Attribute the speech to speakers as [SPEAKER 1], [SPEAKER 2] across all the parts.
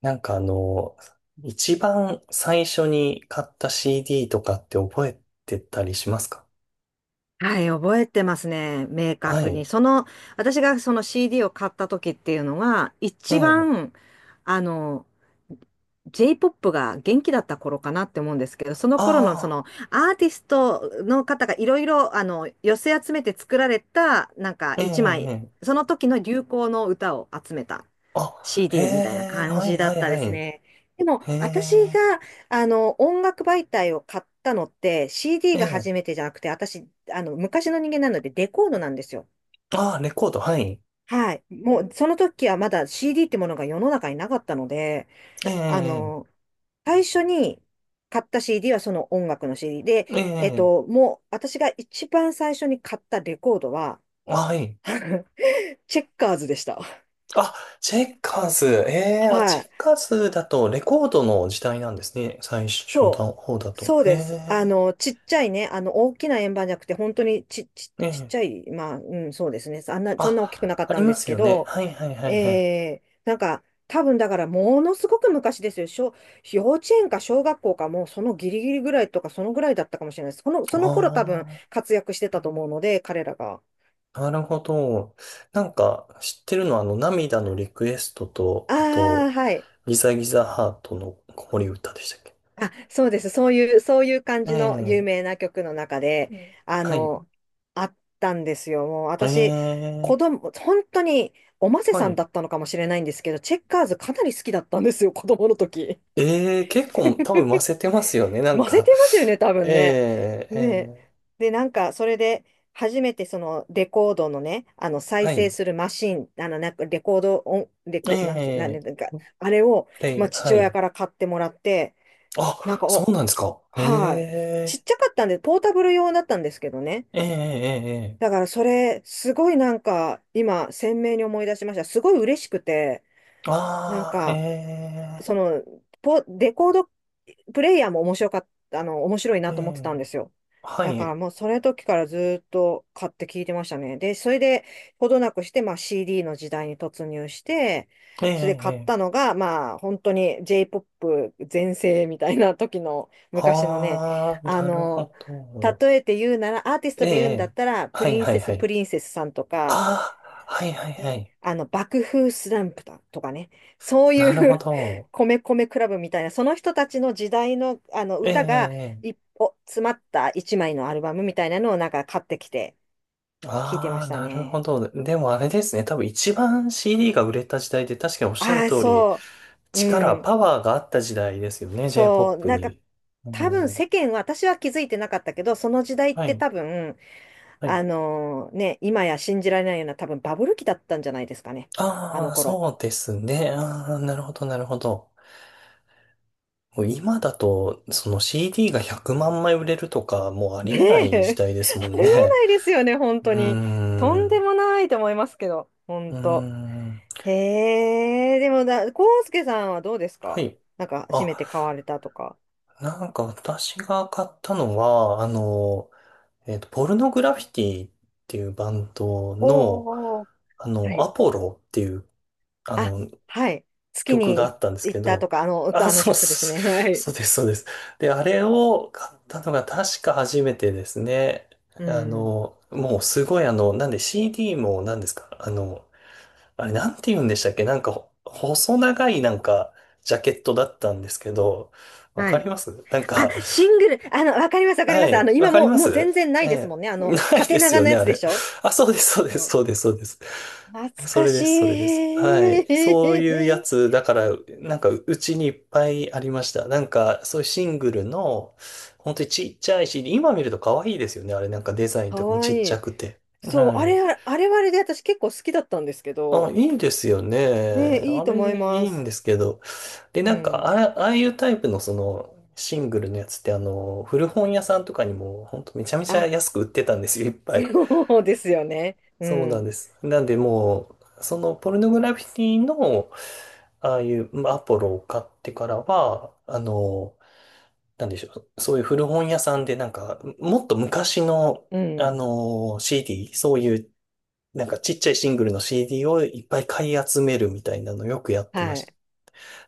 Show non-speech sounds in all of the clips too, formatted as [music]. [SPEAKER 1] なんか一番最初に買った CD とかって覚えてたりしますか？
[SPEAKER 2] はい、覚えてますね。明
[SPEAKER 1] は
[SPEAKER 2] 確に。
[SPEAKER 1] い。
[SPEAKER 2] 私がその CD を買った時っていうのは
[SPEAKER 1] え
[SPEAKER 2] 一
[SPEAKER 1] え。
[SPEAKER 2] 番、あの、J-POP が元気だった頃かなって思うんですけど、その頃のそ
[SPEAKER 1] あ
[SPEAKER 2] のアーティストの方がいろいろ寄せ集めて作られたなんか
[SPEAKER 1] あ、ええ、
[SPEAKER 2] 一
[SPEAKER 1] ええ。
[SPEAKER 2] 枚、
[SPEAKER 1] ええ。
[SPEAKER 2] その時の流行の歌を集めた
[SPEAKER 1] あ、へ
[SPEAKER 2] CD みたいな
[SPEAKER 1] え、
[SPEAKER 2] 感
[SPEAKER 1] はい
[SPEAKER 2] じだ
[SPEAKER 1] は
[SPEAKER 2] っ
[SPEAKER 1] い
[SPEAKER 2] たで
[SPEAKER 1] は
[SPEAKER 2] す
[SPEAKER 1] い。
[SPEAKER 2] ね。でも、
[SPEAKER 1] へえ、
[SPEAKER 2] 音楽媒体を買ったのって、CD
[SPEAKER 1] え
[SPEAKER 2] が
[SPEAKER 1] え。
[SPEAKER 2] 初めてじゃなくて、私、昔の人間なので、デコードなんですよ。
[SPEAKER 1] ああ、レコード、はい。
[SPEAKER 2] はい。もう、その時はまだ CD ってものが世の中になかったので、
[SPEAKER 1] え
[SPEAKER 2] あ
[SPEAKER 1] え、
[SPEAKER 2] の、最初に買った CD はその音楽の CD で、
[SPEAKER 1] ええ、ええ。
[SPEAKER 2] もう、私が一番最初に買ったレコードは、
[SPEAKER 1] はい。
[SPEAKER 2] [laughs] チェッカーズでした。
[SPEAKER 1] あ、チェッカーズ。ええ、あ、
[SPEAKER 2] は
[SPEAKER 1] チェ
[SPEAKER 2] い。
[SPEAKER 1] ッカーズだとレコードの時代なんですね。最初の
[SPEAKER 2] そう。
[SPEAKER 1] 方だと。
[SPEAKER 2] そう
[SPEAKER 1] へ
[SPEAKER 2] です。
[SPEAKER 1] え、
[SPEAKER 2] ちっちゃいね、大きな円盤じゃなくて、本当に
[SPEAKER 1] え
[SPEAKER 2] ちっち
[SPEAKER 1] え。
[SPEAKER 2] ゃい、まあ、うん、そうですね。あんな、そんな大きくなか
[SPEAKER 1] あ、
[SPEAKER 2] っ
[SPEAKER 1] あ
[SPEAKER 2] た
[SPEAKER 1] り
[SPEAKER 2] んで
[SPEAKER 1] ま
[SPEAKER 2] す
[SPEAKER 1] す
[SPEAKER 2] け
[SPEAKER 1] よね。
[SPEAKER 2] ど、
[SPEAKER 1] はいはいはいはい。
[SPEAKER 2] なんか、多分だから、ものすごく昔ですよ。幼稚園か小学校か、もうそのギリギリぐらいとか、そのぐらいだったかもしれないです。
[SPEAKER 1] あ
[SPEAKER 2] その頃多分
[SPEAKER 1] あ。
[SPEAKER 2] 活躍してたと思うので、彼らが。
[SPEAKER 1] なるほど。なんか、知ってるのは、涙のリクエストと、あ
[SPEAKER 2] ああ、
[SPEAKER 1] と、
[SPEAKER 2] はい。
[SPEAKER 1] ギザギザハートの子守歌でしたっけ？
[SPEAKER 2] あ、そうです。そういう感
[SPEAKER 1] え
[SPEAKER 2] じの有
[SPEAKER 1] え、
[SPEAKER 2] 名な曲の中で、
[SPEAKER 1] うん
[SPEAKER 2] あ
[SPEAKER 1] はい。
[SPEAKER 2] の、あったんですよ。もう
[SPEAKER 1] え
[SPEAKER 2] 私、子
[SPEAKER 1] え、
[SPEAKER 2] 供、本当に、おませ
[SPEAKER 1] は
[SPEAKER 2] さん
[SPEAKER 1] い。
[SPEAKER 2] だったのかもしれないんですけど、チェッカーズかなり好きだったんですよ、子供の時。
[SPEAKER 1] ええ、結構多分混ぜてますよね、な
[SPEAKER 2] [laughs]
[SPEAKER 1] ん
[SPEAKER 2] ませ
[SPEAKER 1] か。
[SPEAKER 2] てますよね、多
[SPEAKER 1] [laughs]
[SPEAKER 2] 分ね。
[SPEAKER 1] ええ、
[SPEAKER 2] ねえ。
[SPEAKER 1] え
[SPEAKER 2] で、なんか、それで、初めてそのレコードのね、あの
[SPEAKER 1] え、
[SPEAKER 2] 再
[SPEAKER 1] は
[SPEAKER 2] 生
[SPEAKER 1] い。
[SPEAKER 2] するマシン、レコード音、レ
[SPEAKER 1] え
[SPEAKER 2] コ、
[SPEAKER 1] え、
[SPEAKER 2] なんか、あれを、
[SPEAKER 1] プレ
[SPEAKER 2] ま
[SPEAKER 1] イ、
[SPEAKER 2] あ、
[SPEAKER 1] は
[SPEAKER 2] 父親
[SPEAKER 1] い。
[SPEAKER 2] から買ってもらって、
[SPEAKER 1] あ、
[SPEAKER 2] なんか、
[SPEAKER 1] そ
[SPEAKER 2] お
[SPEAKER 1] うなんですか。え
[SPEAKER 2] はい。ちっ
[SPEAKER 1] え、
[SPEAKER 2] ちゃかったんで、ポータブル用だったんですけどね。
[SPEAKER 1] ええ、ええ、え
[SPEAKER 2] だか
[SPEAKER 1] え。
[SPEAKER 2] らそれ、すごいなんか、今、鮮明に思い出しました。すごい嬉しくて、なん
[SPEAKER 1] ああ、
[SPEAKER 2] か、
[SPEAKER 1] え
[SPEAKER 2] その、レコードプレイヤーも面白かった、面白い
[SPEAKER 1] え、え
[SPEAKER 2] なと思ってたん
[SPEAKER 1] え、
[SPEAKER 2] ですよ。
[SPEAKER 1] は
[SPEAKER 2] だから
[SPEAKER 1] い。
[SPEAKER 2] もうそれ時からずっと買って聞いてましたね。で、それでほどなくして、まあ CD の時代に突入して、
[SPEAKER 1] え
[SPEAKER 2] それで買っ
[SPEAKER 1] え、
[SPEAKER 2] た
[SPEAKER 1] ええ。
[SPEAKER 2] のが、まあ本当に J-POP 全盛みたいな時の昔のね、
[SPEAKER 1] ああ、
[SPEAKER 2] あ
[SPEAKER 1] なる
[SPEAKER 2] の、
[SPEAKER 1] ほど。
[SPEAKER 2] 例えて言うなら、アーティス
[SPEAKER 1] え
[SPEAKER 2] ト
[SPEAKER 1] え、え
[SPEAKER 2] で言うんだっ
[SPEAKER 1] え、
[SPEAKER 2] たら、プ
[SPEAKER 1] はい
[SPEAKER 2] リン
[SPEAKER 1] は
[SPEAKER 2] セ
[SPEAKER 1] いは
[SPEAKER 2] ス・
[SPEAKER 1] い。
[SPEAKER 2] プリンセスさんとか、
[SPEAKER 1] ああ、はいはいは
[SPEAKER 2] ね、
[SPEAKER 1] い。
[SPEAKER 2] 爆風スランプだとかね、そう
[SPEAKER 1] なる
[SPEAKER 2] い
[SPEAKER 1] ほ
[SPEAKER 2] う [laughs]
[SPEAKER 1] ど。
[SPEAKER 2] 米米クラブみたいな、その人たちの時代の、あの
[SPEAKER 1] ええ、
[SPEAKER 2] 歌が
[SPEAKER 1] ええ。
[SPEAKER 2] 一歩詰まった一枚のアルバムみたいなのをなんか買ってきて聞いてま
[SPEAKER 1] ああ
[SPEAKER 2] し
[SPEAKER 1] ー、
[SPEAKER 2] た
[SPEAKER 1] なるほ
[SPEAKER 2] ね。
[SPEAKER 1] ど。でもあれですね。多分一番 CD が売れた時代で、確かにおっしゃる
[SPEAKER 2] ああ、
[SPEAKER 1] 通り、
[SPEAKER 2] そう、う
[SPEAKER 1] 力、
[SPEAKER 2] ん、
[SPEAKER 1] パワーがあった時代ですよね。
[SPEAKER 2] そう、
[SPEAKER 1] J-POP
[SPEAKER 2] なんか
[SPEAKER 1] に。う
[SPEAKER 2] 多分世
[SPEAKER 1] ん、
[SPEAKER 2] 間は、私は気づいてなかったけど、その時代っ
[SPEAKER 1] は
[SPEAKER 2] て
[SPEAKER 1] い、
[SPEAKER 2] 多分、
[SPEAKER 1] はい。
[SPEAKER 2] 今や信じられないような多分バブル期だったんじゃないですかね、あ
[SPEAKER 1] あ
[SPEAKER 2] の
[SPEAKER 1] あ、
[SPEAKER 2] 頃。
[SPEAKER 1] そうですね。ああ、なるほど、なるほど。もう今だと、その CD が100万枚売れるとか、もうあり
[SPEAKER 2] ねえ、
[SPEAKER 1] えない時
[SPEAKER 2] [laughs]
[SPEAKER 1] 代ですも
[SPEAKER 2] あ
[SPEAKER 1] ん
[SPEAKER 2] りえ
[SPEAKER 1] ね。
[SPEAKER 2] ないですよね、本
[SPEAKER 1] う
[SPEAKER 2] 当に。と
[SPEAKER 1] ー
[SPEAKER 2] んで
[SPEAKER 1] ん。
[SPEAKER 2] もないと思いますけど、
[SPEAKER 1] う
[SPEAKER 2] 本
[SPEAKER 1] ー
[SPEAKER 2] 当。
[SPEAKER 1] ん。
[SPEAKER 2] へえ、でもだ、コウスケさんはどうです
[SPEAKER 1] は
[SPEAKER 2] か。
[SPEAKER 1] い。
[SPEAKER 2] なんか、初
[SPEAKER 1] あ、
[SPEAKER 2] めて買われたとか。
[SPEAKER 1] なんか私が買ったのは、ポルノグラフィティっていうバンド
[SPEAKER 2] お
[SPEAKER 1] の、
[SPEAKER 2] ーおーおーは
[SPEAKER 1] ア
[SPEAKER 2] い。
[SPEAKER 1] ポロっていう、あ
[SPEAKER 2] あ、
[SPEAKER 1] の、
[SPEAKER 2] はい。月
[SPEAKER 1] 曲
[SPEAKER 2] に
[SPEAKER 1] があ
[SPEAKER 2] い
[SPEAKER 1] ったんです
[SPEAKER 2] 行っ
[SPEAKER 1] け
[SPEAKER 2] たと
[SPEAKER 1] ど、
[SPEAKER 2] か、
[SPEAKER 1] あ、
[SPEAKER 2] あの曲ですね。[laughs] はい。
[SPEAKER 1] そうです、そうです。で、あれを買ったのが確か初めてですね。
[SPEAKER 2] うん。
[SPEAKER 1] もうすごいなんで CD も何ですかあれ、なんて言うんでしたっけ、なんか、ほ細長いなんか、ジャケットだったんですけど、わ
[SPEAKER 2] は
[SPEAKER 1] かり
[SPEAKER 2] い。
[SPEAKER 1] ますなん
[SPEAKER 2] あ、
[SPEAKER 1] か、
[SPEAKER 2] シ
[SPEAKER 1] [laughs]
[SPEAKER 2] ングル。わかります、わかりま
[SPEAKER 1] は
[SPEAKER 2] す。
[SPEAKER 1] い、わ
[SPEAKER 2] 今
[SPEAKER 1] かり
[SPEAKER 2] もう、
[SPEAKER 1] ます。
[SPEAKER 2] 全然ないです
[SPEAKER 1] え
[SPEAKER 2] もんね。
[SPEAKER 1] え、[laughs] ない
[SPEAKER 2] 縦
[SPEAKER 1] です
[SPEAKER 2] 長
[SPEAKER 1] よ
[SPEAKER 2] の
[SPEAKER 1] ね、
[SPEAKER 2] や
[SPEAKER 1] あ
[SPEAKER 2] つで
[SPEAKER 1] れ。
[SPEAKER 2] しょ。
[SPEAKER 1] [laughs] あ、そうです、そうです、
[SPEAKER 2] そう、
[SPEAKER 1] そうです、そうです。
[SPEAKER 2] 懐
[SPEAKER 1] [laughs] そ
[SPEAKER 2] か
[SPEAKER 1] れ
[SPEAKER 2] し
[SPEAKER 1] です、それです。は
[SPEAKER 2] い。
[SPEAKER 1] い。そういうや
[SPEAKER 2] [laughs]
[SPEAKER 1] つ、だから、なんか、うちにいっぱいありました。なんか、そういうシングルの、本当にちっちゃいし、今見ると可愛いですよね。あれ、なんかデザイン
[SPEAKER 2] か
[SPEAKER 1] とかも
[SPEAKER 2] わ
[SPEAKER 1] ちっち
[SPEAKER 2] い
[SPEAKER 1] ゃ
[SPEAKER 2] い。
[SPEAKER 1] くて。
[SPEAKER 2] そう、
[SPEAKER 1] はい。
[SPEAKER 2] あれはあれで私結構好きだったんですけ
[SPEAKER 1] あ、
[SPEAKER 2] ど、
[SPEAKER 1] いいですよ
[SPEAKER 2] ね、
[SPEAKER 1] ね。
[SPEAKER 2] いい
[SPEAKER 1] あ
[SPEAKER 2] と
[SPEAKER 1] れ、
[SPEAKER 2] 思い
[SPEAKER 1] い
[SPEAKER 2] ま
[SPEAKER 1] いん
[SPEAKER 2] す。
[SPEAKER 1] ですけど。で、
[SPEAKER 2] う
[SPEAKER 1] なんか、
[SPEAKER 2] ん。
[SPEAKER 1] ああいうタイプのその、シングルのやつって、古本屋さんとかにも、ほんとめちゃめちゃ
[SPEAKER 2] あ、
[SPEAKER 1] 安く売ってたんですよ、いっぱ
[SPEAKER 2] [laughs]
[SPEAKER 1] い。
[SPEAKER 2] そうですよね。う
[SPEAKER 1] そうなん
[SPEAKER 2] ん。
[SPEAKER 1] です。なんで、もう、その、ポルノグラフィティの、ああいうまあアポロを買ってからは、なんでしょう、そういう古本屋さんで、なんか、もっと昔の、
[SPEAKER 2] うん。
[SPEAKER 1] CD、そういう、なんかちっちゃいシングルの CD をいっぱい買い集めるみたいなのよくやってま
[SPEAKER 2] は
[SPEAKER 1] した。
[SPEAKER 2] い。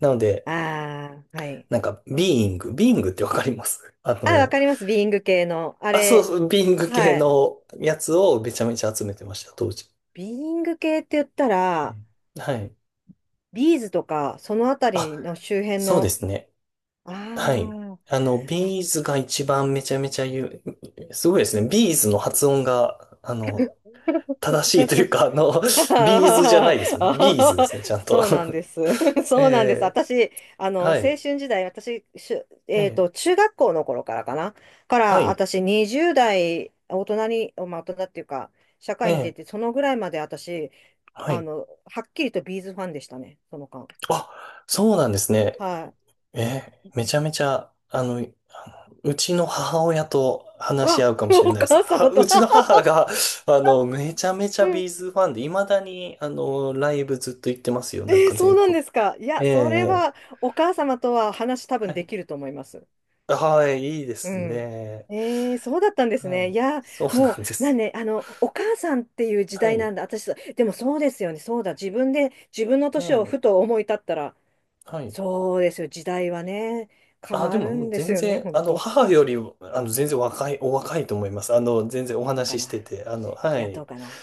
[SPEAKER 1] なので、
[SPEAKER 2] ああ、はい。
[SPEAKER 1] なんか、ビーイングってわかります？ [laughs]
[SPEAKER 2] あ、わかります。ビーイング系の。あ
[SPEAKER 1] あ、
[SPEAKER 2] れ、
[SPEAKER 1] ビーイング系
[SPEAKER 2] はい。
[SPEAKER 1] のやつをめちゃめちゃ集めてました、当時。
[SPEAKER 2] ビーイング系って言った
[SPEAKER 1] は
[SPEAKER 2] ら、
[SPEAKER 1] いはい。
[SPEAKER 2] ビーズとか、そのあた
[SPEAKER 1] あ、
[SPEAKER 2] りの周辺
[SPEAKER 1] そうで
[SPEAKER 2] の、
[SPEAKER 1] すね。はい。
[SPEAKER 2] あ
[SPEAKER 1] あの、
[SPEAKER 2] あ、あ
[SPEAKER 1] ビーズが一番めちゃめちゃ言う、すごいですね。ビーズの発音が、
[SPEAKER 2] [laughs]
[SPEAKER 1] 正しいという
[SPEAKER 2] [laughs]
[SPEAKER 1] か、あの、[laughs] ビーズじゃな
[SPEAKER 2] あ
[SPEAKER 1] いです
[SPEAKER 2] ー
[SPEAKER 1] もんね。ビーズ
[SPEAKER 2] あ
[SPEAKER 1] で
[SPEAKER 2] ー
[SPEAKER 1] すね、ちゃんと。
[SPEAKER 2] そうなんです。[laughs]
[SPEAKER 1] [laughs]
[SPEAKER 2] そうなんです。
[SPEAKER 1] え
[SPEAKER 2] 私、
[SPEAKER 1] え
[SPEAKER 2] 青
[SPEAKER 1] は
[SPEAKER 2] 春
[SPEAKER 1] い。
[SPEAKER 2] 時代、私、しゅ、えっ
[SPEAKER 1] ええ
[SPEAKER 2] と、中学校の頃からかな。か
[SPEAKER 1] は
[SPEAKER 2] ら、
[SPEAKER 1] い。
[SPEAKER 2] 私、20代、大人に、まあ、大人っていうか、社会に出
[SPEAKER 1] ええ
[SPEAKER 2] て、そのぐらいまで私、
[SPEAKER 1] はい。
[SPEAKER 2] はっきりとビーズファンでしたね、その間。
[SPEAKER 1] あ、そうなんですね。
[SPEAKER 2] はい。
[SPEAKER 1] え、めちゃめちゃ、あのうちの母親と話し
[SPEAKER 2] あ、
[SPEAKER 1] 合うかもしれ
[SPEAKER 2] お
[SPEAKER 1] ないです。
[SPEAKER 2] 母
[SPEAKER 1] は
[SPEAKER 2] 様
[SPEAKER 1] う
[SPEAKER 2] と。
[SPEAKER 1] ちの
[SPEAKER 2] [laughs]
[SPEAKER 1] 母が、めちゃめちゃ
[SPEAKER 2] うん。
[SPEAKER 1] ビーズファンで、未だに、ライブずっと行ってますよ。
[SPEAKER 2] え
[SPEAKER 1] なん
[SPEAKER 2] ー、
[SPEAKER 1] か
[SPEAKER 2] そう
[SPEAKER 1] 全
[SPEAKER 2] なん
[SPEAKER 1] 国。
[SPEAKER 2] ですか。いや、
[SPEAKER 1] ええ
[SPEAKER 2] それ
[SPEAKER 1] え
[SPEAKER 2] は、
[SPEAKER 1] え
[SPEAKER 2] お母様とは話多
[SPEAKER 1] は
[SPEAKER 2] 分で
[SPEAKER 1] い。
[SPEAKER 2] きると思います。
[SPEAKER 1] はい、いいで
[SPEAKER 2] う
[SPEAKER 1] す
[SPEAKER 2] ん。
[SPEAKER 1] ね。
[SPEAKER 2] えー、そうだったんです
[SPEAKER 1] は
[SPEAKER 2] ね。い
[SPEAKER 1] い。
[SPEAKER 2] やー、
[SPEAKER 1] そう
[SPEAKER 2] も
[SPEAKER 1] なんで
[SPEAKER 2] う、なん
[SPEAKER 1] す
[SPEAKER 2] で、お母さんっていう時
[SPEAKER 1] よ。は
[SPEAKER 2] 代な
[SPEAKER 1] い。
[SPEAKER 2] んだ。私、でもそうですよね。そうだ。自分の年を
[SPEAKER 1] え
[SPEAKER 2] ふ
[SPEAKER 1] え
[SPEAKER 2] と思い立ったら、
[SPEAKER 1] はい。
[SPEAKER 2] そうですよ。時代はね、変
[SPEAKER 1] あ、で
[SPEAKER 2] わ
[SPEAKER 1] も、
[SPEAKER 2] る
[SPEAKER 1] もう
[SPEAKER 2] んです
[SPEAKER 1] 全
[SPEAKER 2] よね、
[SPEAKER 1] 然、
[SPEAKER 2] 本当。
[SPEAKER 1] 母より、全然若い、お若いと思います。全然お
[SPEAKER 2] どうか
[SPEAKER 1] 話しし
[SPEAKER 2] な。
[SPEAKER 1] てて、あの、
[SPEAKER 2] い
[SPEAKER 1] は
[SPEAKER 2] や、ど
[SPEAKER 1] い。
[SPEAKER 2] うかな。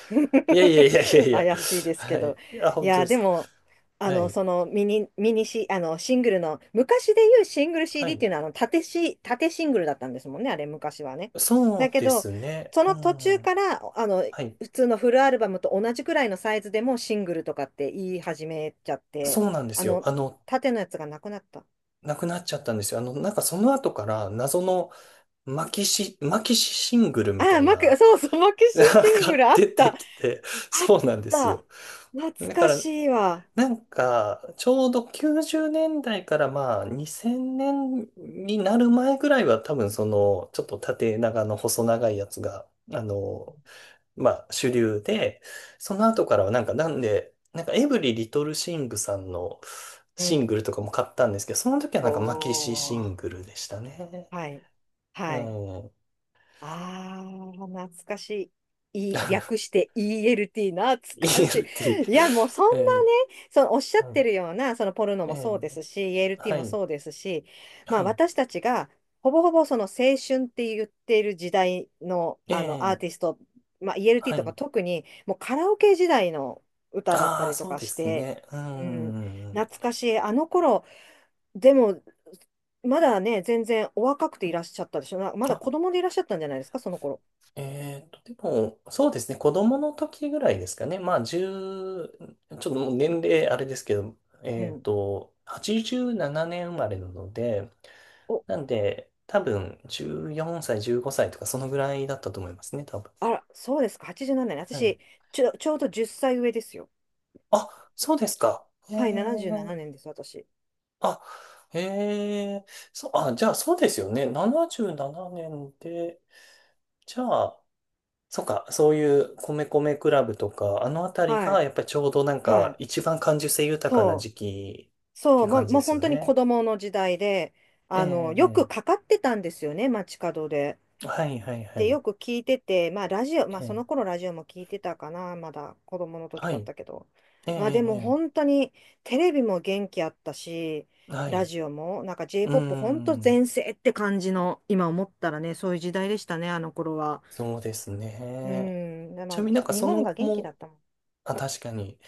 [SPEAKER 1] いやいや
[SPEAKER 2] [laughs]
[SPEAKER 1] いやいやいや。
[SPEAKER 2] 怪しいです
[SPEAKER 1] は
[SPEAKER 2] けど。
[SPEAKER 1] い。あ、
[SPEAKER 2] い
[SPEAKER 1] 本当
[SPEAKER 2] や、
[SPEAKER 1] で
[SPEAKER 2] で
[SPEAKER 1] すか。
[SPEAKER 2] も、
[SPEAKER 1] はい。
[SPEAKER 2] そのミニ、ミニシ、あの、シングルの、昔で言うシングル
[SPEAKER 1] は
[SPEAKER 2] CD っ
[SPEAKER 1] い。
[SPEAKER 2] ていうのは、縦シングルだったんですもんね、あれ、昔はね。
[SPEAKER 1] そ
[SPEAKER 2] だ
[SPEAKER 1] う
[SPEAKER 2] け
[SPEAKER 1] で
[SPEAKER 2] ど、
[SPEAKER 1] すね。
[SPEAKER 2] そ
[SPEAKER 1] う
[SPEAKER 2] の途中
[SPEAKER 1] ん。
[SPEAKER 2] から、
[SPEAKER 1] はい。
[SPEAKER 2] 普通のフルアルバムと同じくらいのサイズでもシングルとかって言い始めちゃって、
[SPEAKER 1] そうなんで
[SPEAKER 2] あ
[SPEAKER 1] すよ。
[SPEAKER 2] の、縦のやつがなくなった。
[SPEAKER 1] 亡くなっちゃったんですよ。なんかその後から謎のマキシシングルみ
[SPEAKER 2] あ
[SPEAKER 1] た
[SPEAKER 2] あ、
[SPEAKER 1] いな、
[SPEAKER 2] そうそう、マキ
[SPEAKER 1] なん
[SPEAKER 2] シシング
[SPEAKER 1] か
[SPEAKER 2] ルあっ
[SPEAKER 1] 出
[SPEAKER 2] た。あ
[SPEAKER 1] てきて、
[SPEAKER 2] っ
[SPEAKER 1] そうなんですよ。
[SPEAKER 2] た。懐
[SPEAKER 1] だか
[SPEAKER 2] か
[SPEAKER 1] ら、
[SPEAKER 2] しいわ。
[SPEAKER 1] なんか、ちょうど90年代からまあ2000年になる前ぐらいは多分その、ちょっと縦長の細長いやつが、まあ、主流で、その後からはなんか、なんで、なんかエブリリトルシングさんの
[SPEAKER 2] う
[SPEAKER 1] シン
[SPEAKER 2] ん。
[SPEAKER 1] グルとかも買ったんですけど、その時はなんかマキシシ
[SPEAKER 2] お
[SPEAKER 1] ン
[SPEAKER 2] ー。
[SPEAKER 1] グルでしたね。
[SPEAKER 2] はい。
[SPEAKER 1] え
[SPEAKER 2] はい。
[SPEAKER 1] ー、
[SPEAKER 2] あー、懐かしい。略
[SPEAKER 1] [laughs]
[SPEAKER 2] して ELT、懐かし
[SPEAKER 1] ELT。
[SPEAKER 2] い。いや、もうそんな
[SPEAKER 1] え
[SPEAKER 2] ね、そのおっしゃっ
[SPEAKER 1] は
[SPEAKER 2] て
[SPEAKER 1] い。
[SPEAKER 2] るような、そのポルノ
[SPEAKER 1] え
[SPEAKER 2] もそうですし、
[SPEAKER 1] ー、
[SPEAKER 2] ELT
[SPEAKER 1] は
[SPEAKER 2] も
[SPEAKER 1] い。
[SPEAKER 2] そうですし、ま
[SPEAKER 1] は
[SPEAKER 2] あ
[SPEAKER 1] い。
[SPEAKER 2] 私たちが、ほぼほぼその青春って言ってる時代の、
[SPEAKER 1] え
[SPEAKER 2] あのアー
[SPEAKER 1] ー、
[SPEAKER 2] ティスト、まあ、
[SPEAKER 1] は
[SPEAKER 2] ELT とか
[SPEAKER 1] い。
[SPEAKER 2] 特にもうカラオケ時代の歌だった
[SPEAKER 1] ああ、
[SPEAKER 2] りと
[SPEAKER 1] そう
[SPEAKER 2] か
[SPEAKER 1] で
[SPEAKER 2] し
[SPEAKER 1] す
[SPEAKER 2] て、
[SPEAKER 1] ね。う
[SPEAKER 2] うん、
[SPEAKER 1] ん。
[SPEAKER 2] 懐かしい。あの頃でも、まだね、全然お若くていらっしゃったでしょ。まだ子供でいらっしゃったんじゃないですか、その頃。
[SPEAKER 1] でも、そうですね、子供の時ぐらいですかね。まあ、1ちょっともう年齢あれですけど、
[SPEAKER 2] うん。
[SPEAKER 1] 87年生まれなので、
[SPEAKER 2] お、
[SPEAKER 1] なんで、多分、14歳、15歳とか、そのぐらいだったと思いますね、多分。
[SPEAKER 2] あら、そうですか、87年。
[SPEAKER 1] はい。
[SPEAKER 2] 私、ちょうど10歳上ですよ。
[SPEAKER 1] あ、そうですか。へ
[SPEAKER 2] はい、77
[SPEAKER 1] え。
[SPEAKER 2] 年です、私。
[SPEAKER 1] あ、へえ。そう、あ、じゃあ、そうですよね。77年で、じゃあ、そっか、そういう米米クラブとか、あのあたり
[SPEAKER 2] は
[SPEAKER 1] が
[SPEAKER 2] い、
[SPEAKER 1] やっぱりちょうどなん
[SPEAKER 2] は
[SPEAKER 1] か
[SPEAKER 2] い。
[SPEAKER 1] 一番感受性豊かな
[SPEAKER 2] そう、
[SPEAKER 1] 時期っ
[SPEAKER 2] そ
[SPEAKER 1] て
[SPEAKER 2] う、
[SPEAKER 1] いう感じ
[SPEAKER 2] も
[SPEAKER 1] で
[SPEAKER 2] う
[SPEAKER 1] す
[SPEAKER 2] 本
[SPEAKER 1] よ
[SPEAKER 2] 当に子
[SPEAKER 1] ね。
[SPEAKER 2] 供の時代で、
[SPEAKER 1] ええ、
[SPEAKER 2] よく
[SPEAKER 1] え
[SPEAKER 2] かかってたんですよね、街角で。
[SPEAKER 1] え、ええはいはいは
[SPEAKER 2] て
[SPEAKER 1] い。
[SPEAKER 2] よく聞いてて、まあラジオ、まあ
[SPEAKER 1] え
[SPEAKER 2] その
[SPEAKER 1] え、
[SPEAKER 2] 頃ラジオも聞いてたかな、まだ子供の時
[SPEAKER 1] は
[SPEAKER 2] だっ
[SPEAKER 1] い。
[SPEAKER 2] たけど。
[SPEAKER 1] ええ、
[SPEAKER 2] まあで
[SPEAKER 1] え
[SPEAKER 2] も
[SPEAKER 1] え、え
[SPEAKER 2] 本当にテレビも元気あったし、
[SPEAKER 1] えは
[SPEAKER 2] ラ
[SPEAKER 1] い。
[SPEAKER 2] ジオも、なんか
[SPEAKER 1] うー
[SPEAKER 2] J-POP 本当
[SPEAKER 1] ん、
[SPEAKER 2] 全盛って感じの、今思ったらね、そういう時代でしたね、あの頃は。
[SPEAKER 1] そうです
[SPEAKER 2] う
[SPEAKER 1] ね。
[SPEAKER 2] ん、でま
[SPEAKER 1] ち
[SPEAKER 2] あ
[SPEAKER 1] なみになんか
[SPEAKER 2] 日
[SPEAKER 1] そ
[SPEAKER 2] 本
[SPEAKER 1] の
[SPEAKER 2] が
[SPEAKER 1] 後
[SPEAKER 2] 元気だ
[SPEAKER 1] も、
[SPEAKER 2] ったもん。
[SPEAKER 1] あ、確かに、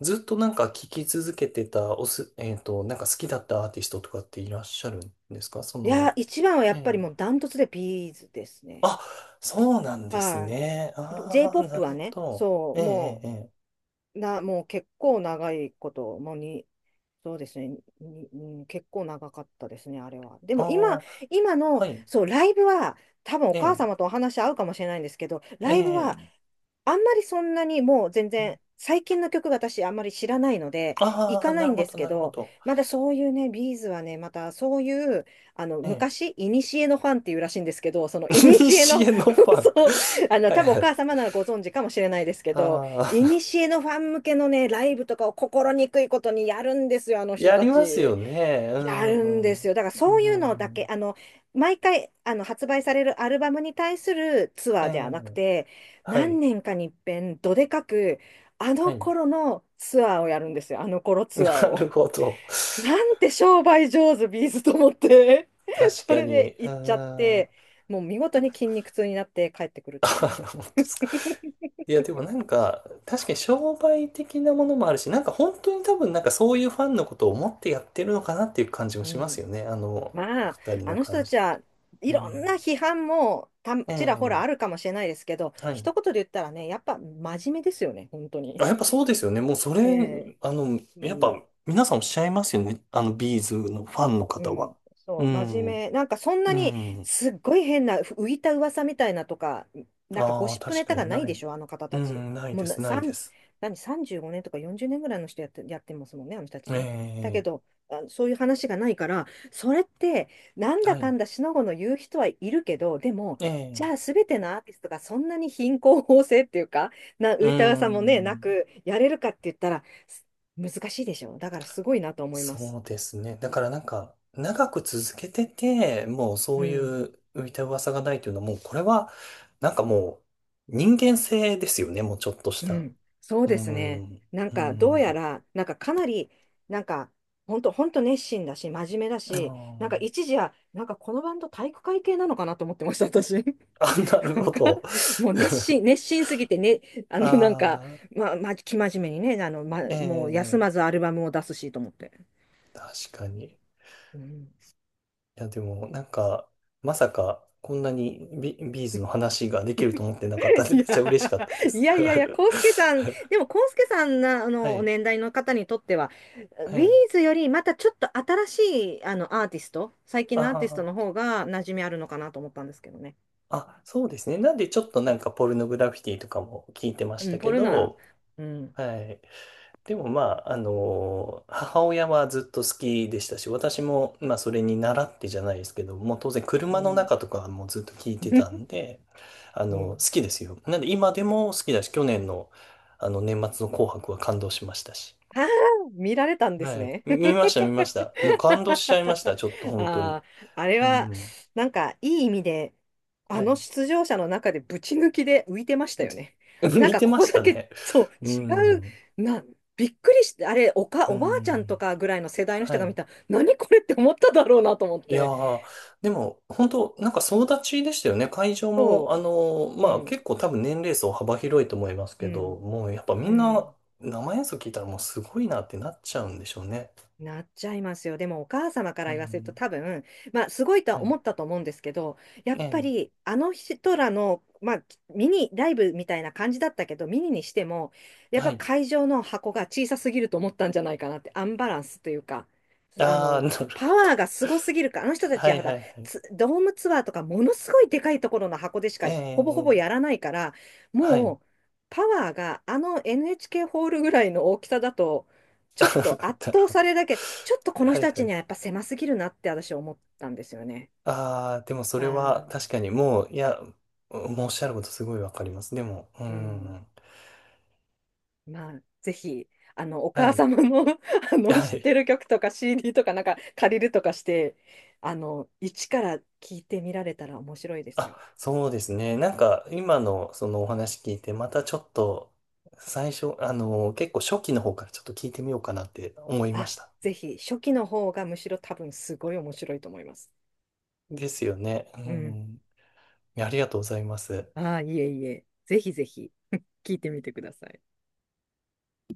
[SPEAKER 1] ずっとなんか聴き続けてた、おす、なんか好きだったアーティストとかっていらっしゃるんですかそ
[SPEAKER 2] いや、
[SPEAKER 1] の、
[SPEAKER 2] 一番はや
[SPEAKER 1] え
[SPEAKER 2] っ
[SPEAKER 1] え。
[SPEAKER 2] ぱりもうダントツでビーズですね。
[SPEAKER 1] あ、そうなんです
[SPEAKER 2] は
[SPEAKER 1] ね。
[SPEAKER 2] い。
[SPEAKER 1] ああ、な
[SPEAKER 2] J-POP
[SPEAKER 1] る
[SPEAKER 2] は
[SPEAKER 1] ほ
[SPEAKER 2] ね、
[SPEAKER 1] ど。
[SPEAKER 2] そ
[SPEAKER 1] え
[SPEAKER 2] う、
[SPEAKER 1] え、ええ、ええ。
[SPEAKER 2] もう結構長いこと、もうに、そうですね、に、うん結構長かったですね、あれは。で
[SPEAKER 1] あ
[SPEAKER 2] も今、
[SPEAKER 1] あ、はい。
[SPEAKER 2] そう、ライブは、多分お
[SPEAKER 1] え
[SPEAKER 2] 母
[SPEAKER 1] え、
[SPEAKER 2] 様とお話合うかもしれないんですけど、
[SPEAKER 1] え
[SPEAKER 2] ライブは、
[SPEAKER 1] え。
[SPEAKER 2] あんまりそんなにもう全然、最近の曲が私あんまり知らないので、行
[SPEAKER 1] ああ、
[SPEAKER 2] かな
[SPEAKER 1] な
[SPEAKER 2] い
[SPEAKER 1] る
[SPEAKER 2] ん
[SPEAKER 1] ほ
[SPEAKER 2] です
[SPEAKER 1] ど、
[SPEAKER 2] け
[SPEAKER 1] なるほ
[SPEAKER 2] ど、
[SPEAKER 1] ど。
[SPEAKER 2] まだそういうね、ビーズはね、またそういう、
[SPEAKER 1] ええ。
[SPEAKER 2] 昔、いにしえのファンっていうらしいんですけど、そのいに
[SPEAKER 1] [laughs]
[SPEAKER 2] しえ
[SPEAKER 1] 西
[SPEAKER 2] の、
[SPEAKER 1] へのフ
[SPEAKER 2] [laughs]
[SPEAKER 1] ァン。
[SPEAKER 2] そう、
[SPEAKER 1] [laughs] はい
[SPEAKER 2] 多分お
[SPEAKER 1] は
[SPEAKER 2] 母
[SPEAKER 1] い。
[SPEAKER 2] 様ならご存知かもしれないですけど、
[SPEAKER 1] あ
[SPEAKER 2] いに
[SPEAKER 1] あ、
[SPEAKER 2] しえのファン向けのね、ライブとかを心にくいことにやるんですよ、あ
[SPEAKER 1] [laughs]
[SPEAKER 2] の人
[SPEAKER 1] や
[SPEAKER 2] た
[SPEAKER 1] りますよ
[SPEAKER 2] ち。
[SPEAKER 1] ね。う
[SPEAKER 2] や
[SPEAKER 1] ん、
[SPEAKER 2] るんで
[SPEAKER 1] うん。
[SPEAKER 2] すよ。だから
[SPEAKER 1] う
[SPEAKER 2] そういうのだけ、
[SPEAKER 1] ん。
[SPEAKER 2] 毎回、発売されるアルバムに対するツア
[SPEAKER 1] え
[SPEAKER 2] ーではなく
[SPEAKER 1] え、
[SPEAKER 2] て、
[SPEAKER 1] はい、
[SPEAKER 2] 何年かに一遍、どでかく、あ
[SPEAKER 1] は
[SPEAKER 2] の
[SPEAKER 1] い。
[SPEAKER 2] 頃のツアーをやるんですよ、あの頃
[SPEAKER 1] [laughs]
[SPEAKER 2] ツアー
[SPEAKER 1] な
[SPEAKER 2] を。
[SPEAKER 1] るほど。[laughs]
[SPEAKER 2] なんて商売上手、ビーズと思って。[laughs]
[SPEAKER 1] 確
[SPEAKER 2] そ
[SPEAKER 1] か
[SPEAKER 2] れ
[SPEAKER 1] に。
[SPEAKER 2] で
[SPEAKER 1] う
[SPEAKER 2] 行っちゃっ
[SPEAKER 1] ん。
[SPEAKER 2] て、もう見事
[SPEAKER 1] で
[SPEAKER 2] に
[SPEAKER 1] も
[SPEAKER 2] 筋肉痛になって帰ってくるっ
[SPEAKER 1] [laughs] あ
[SPEAKER 2] ていう
[SPEAKER 1] はは
[SPEAKER 2] ね。
[SPEAKER 1] 本当ですか。いや、でもなんか、確かに商売的なものもあるし、なんか本当に多分なんかそういうファンのことを思ってやってるのかなっていう感じも
[SPEAKER 2] う
[SPEAKER 1] します
[SPEAKER 2] ん、
[SPEAKER 1] よね。お
[SPEAKER 2] まあ、
[SPEAKER 1] 二人
[SPEAKER 2] あ
[SPEAKER 1] の
[SPEAKER 2] の人
[SPEAKER 1] 感
[SPEAKER 2] た
[SPEAKER 1] じ。
[SPEAKER 2] ちはい
[SPEAKER 1] う
[SPEAKER 2] ろ
[SPEAKER 1] ん。
[SPEAKER 2] んな批判もた
[SPEAKER 1] え
[SPEAKER 2] ちらほら
[SPEAKER 1] え、
[SPEAKER 2] あるかもしれないですけど、
[SPEAKER 1] はい。
[SPEAKER 2] 一言で言ったらね、やっぱ真面目ですよね、本当に。
[SPEAKER 1] あ、やっぱそうですよね。もうそれ、
[SPEAKER 2] ええ、う
[SPEAKER 1] やっ
[SPEAKER 2] ん。
[SPEAKER 1] ぱ皆さんおっしゃいますよね。ビーズのファンの
[SPEAKER 2] う
[SPEAKER 1] 方
[SPEAKER 2] ん、
[SPEAKER 1] は。
[SPEAKER 2] そ
[SPEAKER 1] う
[SPEAKER 2] う、真面
[SPEAKER 1] ん。
[SPEAKER 2] 目。なんかそんな
[SPEAKER 1] う
[SPEAKER 2] に
[SPEAKER 1] ん。
[SPEAKER 2] すっごい変な浮いた噂みたいなとか、なんかゴ
[SPEAKER 1] ああ、
[SPEAKER 2] シップ
[SPEAKER 1] 確
[SPEAKER 2] ネ
[SPEAKER 1] か
[SPEAKER 2] タが
[SPEAKER 1] に
[SPEAKER 2] ない
[SPEAKER 1] な
[SPEAKER 2] で
[SPEAKER 1] い。
[SPEAKER 2] しょ、あの方
[SPEAKER 1] う
[SPEAKER 2] たち。
[SPEAKER 1] ん、ない
[SPEAKER 2] も
[SPEAKER 1] で
[SPEAKER 2] うな、
[SPEAKER 1] す、ないで
[SPEAKER 2] 3、
[SPEAKER 1] す。
[SPEAKER 2] 何、35年とか40年ぐらいの人やってますもんね、あの人たちね。だけ
[SPEAKER 1] え
[SPEAKER 2] ど、あ、そういう話がないから、それって、なん
[SPEAKER 1] え、は
[SPEAKER 2] だか
[SPEAKER 1] い。
[SPEAKER 2] んだしのごの言う人はいるけど、でも、
[SPEAKER 1] ええ、
[SPEAKER 2] じゃあ全てのアーティストがそんなに貧困法制っていうか、
[SPEAKER 1] う
[SPEAKER 2] 浮いた噂もね、な
[SPEAKER 1] ん。
[SPEAKER 2] くやれるかって言ったら、難しいでしょ。だからすごいなと思います。
[SPEAKER 1] そうですね。だからなんか、長く続けてて、もうそ
[SPEAKER 2] う
[SPEAKER 1] うい
[SPEAKER 2] ん。
[SPEAKER 1] う浮いた噂がないというのは、もうこれは、なんかもう、人間性ですよね、もうちょっとし
[SPEAKER 2] う
[SPEAKER 1] た。
[SPEAKER 2] ん、そう
[SPEAKER 1] うー
[SPEAKER 2] ですね。
[SPEAKER 1] ん、
[SPEAKER 2] な
[SPEAKER 1] う
[SPEAKER 2] ん
[SPEAKER 1] ー
[SPEAKER 2] か、どうや
[SPEAKER 1] ん、
[SPEAKER 2] ら、なんかかなり、なんか、本当本当熱心だし、真面目だ
[SPEAKER 1] あ
[SPEAKER 2] し、なんか
[SPEAKER 1] ー
[SPEAKER 2] 一時は、なんかこのバンド体育会系なのかなと思ってました、私。[laughs]
[SPEAKER 1] あ、[laughs] なる
[SPEAKER 2] なん
[SPEAKER 1] ほ
[SPEAKER 2] か、
[SPEAKER 1] ど。
[SPEAKER 2] もう熱
[SPEAKER 1] [laughs]
[SPEAKER 2] 心、熱心すぎてね、なんか、
[SPEAKER 1] ああ、
[SPEAKER 2] まあ、まあ、生真面目にね、
[SPEAKER 1] え
[SPEAKER 2] もう休
[SPEAKER 1] え、
[SPEAKER 2] まずアルバムを出すしと思って。
[SPEAKER 1] 確かに。い
[SPEAKER 2] うん。
[SPEAKER 1] や、でも、なんか、まさか、こんなにビーズの話ができると思ってなかったんで、め
[SPEAKER 2] [laughs]
[SPEAKER 1] っちゃ嬉しかったで
[SPEAKER 2] いや、い
[SPEAKER 1] す。
[SPEAKER 2] や
[SPEAKER 1] [laughs]
[SPEAKER 2] いやいや、康介さん、でも康介さんな、
[SPEAKER 1] はい、
[SPEAKER 2] 年代の方にとっては、
[SPEAKER 1] は
[SPEAKER 2] ビー
[SPEAKER 1] い。
[SPEAKER 2] ズよりまたちょっと新しい、アーティスト、最
[SPEAKER 1] あ
[SPEAKER 2] 近のアーティストの
[SPEAKER 1] あ。
[SPEAKER 2] 方が馴染みあるのかなと思ったんですけどね。
[SPEAKER 1] あ、そうですね。なんでちょっとなんかポルノグラフィティとかも聞いてまし
[SPEAKER 2] うん、
[SPEAKER 1] たけ
[SPEAKER 2] ポルノは、
[SPEAKER 1] ど、
[SPEAKER 2] うん、
[SPEAKER 1] はい。でもまあ、母親はずっと好きでしたし、私もまあそれに習ってじゃないですけど、もう当然
[SPEAKER 2] う
[SPEAKER 1] 車の
[SPEAKER 2] ん、
[SPEAKER 1] 中とかもずっと聞いてたん
[SPEAKER 2] [laughs]
[SPEAKER 1] で、
[SPEAKER 2] う
[SPEAKER 1] 好
[SPEAKER 2] ん。
[SPEAKER 1] きですよ。なんで今でも好きだし、去年のあの年末の紅白は感動しましたし。
[SPEAKER 2] [laughs] ああ、見られたんです
[SPEAKER 1] は
[SPEAKER 2] ね。
[SPEAKER 1] い。見ました、見ました。もう感動しちゃいました、ちょっと
[SPEAKER 2] [laughs]
[SPEAKER 1] 本当に。
[SPEAKER 2] あー、あれ
[SPEAKER 1] う
[SPEAKER 2] は、
[SPEAKER 1] ん。
[SPEAKER 2] なんか、いい意味で、あ
[SPEAKER 1] は
[SPEAKER 2] の
[SPEAKER 1] い。
[SPEAKER 2] 出場者の中でぶち抜きで浮いてました
[SPEAKER 1] [laughs]
[SPEAKER 2] よね。なん
[SPEAKER 1] 見
[SPEAKER 2] か、
[SPEAKER 1] て
[SPEAKER 2] こ
[SPEAKER 1] ま
[SPEAKER 2] こ
[SPEAKER 1] し
[SPEAKER 2] だ
[SPEAKER 1] た
[SPEAKER 2] け、
[SPEAKER 1] ね。
[SPEAKER 2] そう、
[SPEAKER 1] う
[SPEAKER 2] 違う、
[SPEAKER 1] ん。
[SPEAKER 2] びっくりして、あれ、
[SPEAKER 1] う
[SPEAKER 2] おばあちゃん
[SPEAKER 1] ん。
[SPEAKER 2] とかぐらいの世代の人
[SPEAKER 1] は
[SPEAKER 2] が
[SPEAKER 1] い。
[SPEAKER 2] 見たら、何これって思っただろうなと思っ
[SPEAKER 1] いや
[SPEAKER 2] て。
[SPEAKER 1] ー、でも、本当なんか総立ちでしたよね。会場も、
[SPEAKER 2] そ
[SPEAKER 1] あのー
[SPEAKER 2] う、う
[SPEAKER 1] まあ
[SPEAKER 2] ん、
[SPEAKER 1] 結構多分年齢層幅広いと思います
[SPEAKER 2] う
[SPEAKER 1] けど、
[SPEAKER 2] ん、
[SPEAKER 1] もうやっぱみ
[SPEAKER 2] う
[SPEAKER 1] んな
[SPEAKER 2] ん。
[SPEAKER 1] 生演奏聞いたらもうすごいなってなっちゃうんでしょうね。
[SPEAKER 2] なっちゃいますよ。でもお母様から
[SPEAKER 1] う
[SPEAKER 2] 言わせると
[SPEAKER 1] ん。
[SPEAKER 2] 多分、まあすごいと
[SPEAKER 1] は
[SPEAKER 2] は
[SPEAKER 1] い。
[SPEAKER 2] 思ったと思うんですけど、やっ
[SPEAKER 1] え
[SPEAKER 2] ぱ
[SPEAKER 1] え。
[SPEAKER 2] りあの人らの、まあミニライブみたいな感じだったけど、ミニにしても、やっ
[SPEAKER 1] は
[SPEAKER 2] ぱ
[SPEAKER 1] い。
[SPEAKER 2] 会場の箱が小さすぎると思ったんじゃないかなって、アンバランスというか、あ
[SPEAKER 1] ああ、
[SPEAKER 2] の、
[SPEAKER 1] なる
[SPEAKER 2] パ
[SPEAKER 1] ほど。
[SPEAKER 2] ワーがすごすぎるから、あの人たち
[SPEAKER 1] は
[SPEAKER 2] は
[SPEAKER 1] い
[SPEAKER 2] ほ
[SPEAKER 1] は
[SPEAKER 2] ら、
[SPEAKER 1] いはい。
[SPEAKER 2] ツドームツアーとかものすごいでかいところの箱でし
[SPEAKER 1] え
[SPEAKER 2] かほぼほぼ
[SPEAKER 1] え、
[SPEAKER 2] やらないから、
[SPEAKER 1] はい。
[SPEAKER 2] もう、パワーがあの NHK ホールぐらいの大きさだと
[SPEAKER 1] [laughs]
[SPEAKER 2] ちょっと圧
[SPEAKER 1] なる
[SPEAKER 2] 倒
[SPEAKER 1] ほ
[SPEAKER 2] さ
[SPEAKER 1] ど。
[SPEAKER 2] れるだけ、ちょっとこの
[SPEAKER 1] はい
[SPEAKER 2] 人た
[SPEAKER 1] は
[SPEAKER 2] ちに
[SPEAKER 1] い。
[SPEAKER 2] はやっぱ狭すぎるなって私思ったんですよね。
[SPEAKER 1] ああ、でもそ
[SPEAKER 2] あ
[SPEAKER 1] れは
[SPEAKER 2] ー、
[SPEAKER 1] 確かにもう、いや、もうおっしゃることすごいわかります。でも、う
[SPEAKER 2] うん。
[SPEAKER 1] ん。
[SPEAKER 2] まあ、ぜひ、お
[SPEAKER 1] は
[SPEAKER 2] 母
[SPEAKER 1] い。
[SPEAKER 2] 様の [laughs]
[SPEAKER 1] は
[SPEAKER 2] 知っ
[SPEAKER 1] い。
[SPEAKER 2] てる曲とか CD とかなんか借りるとかして、一から聞いてみられたら面白いです
[SPEAKER 1] あ、
[SPEAKER 2] よ。
[SPEAKER 1] そうですね。なんか、今のそのお話聞いて、またちょっと、最初、結構初期の方からちょっと聞いてみようかなって思いま
[SPEAKER 2] あ、
[SPEAKER 1] した。
[SPEAKER 2] ぜひ、初期の方がむしろ多分すごい面白いと思います。
[SPEAKER 1] ですよね。う
[SPEAKER 2] うん。
[SPEAKER 1] ん。ありがとうございます。
[SPEAKER 2] ああ、いえいえ。ぜひぜひ [laughs]、聞いてみてください。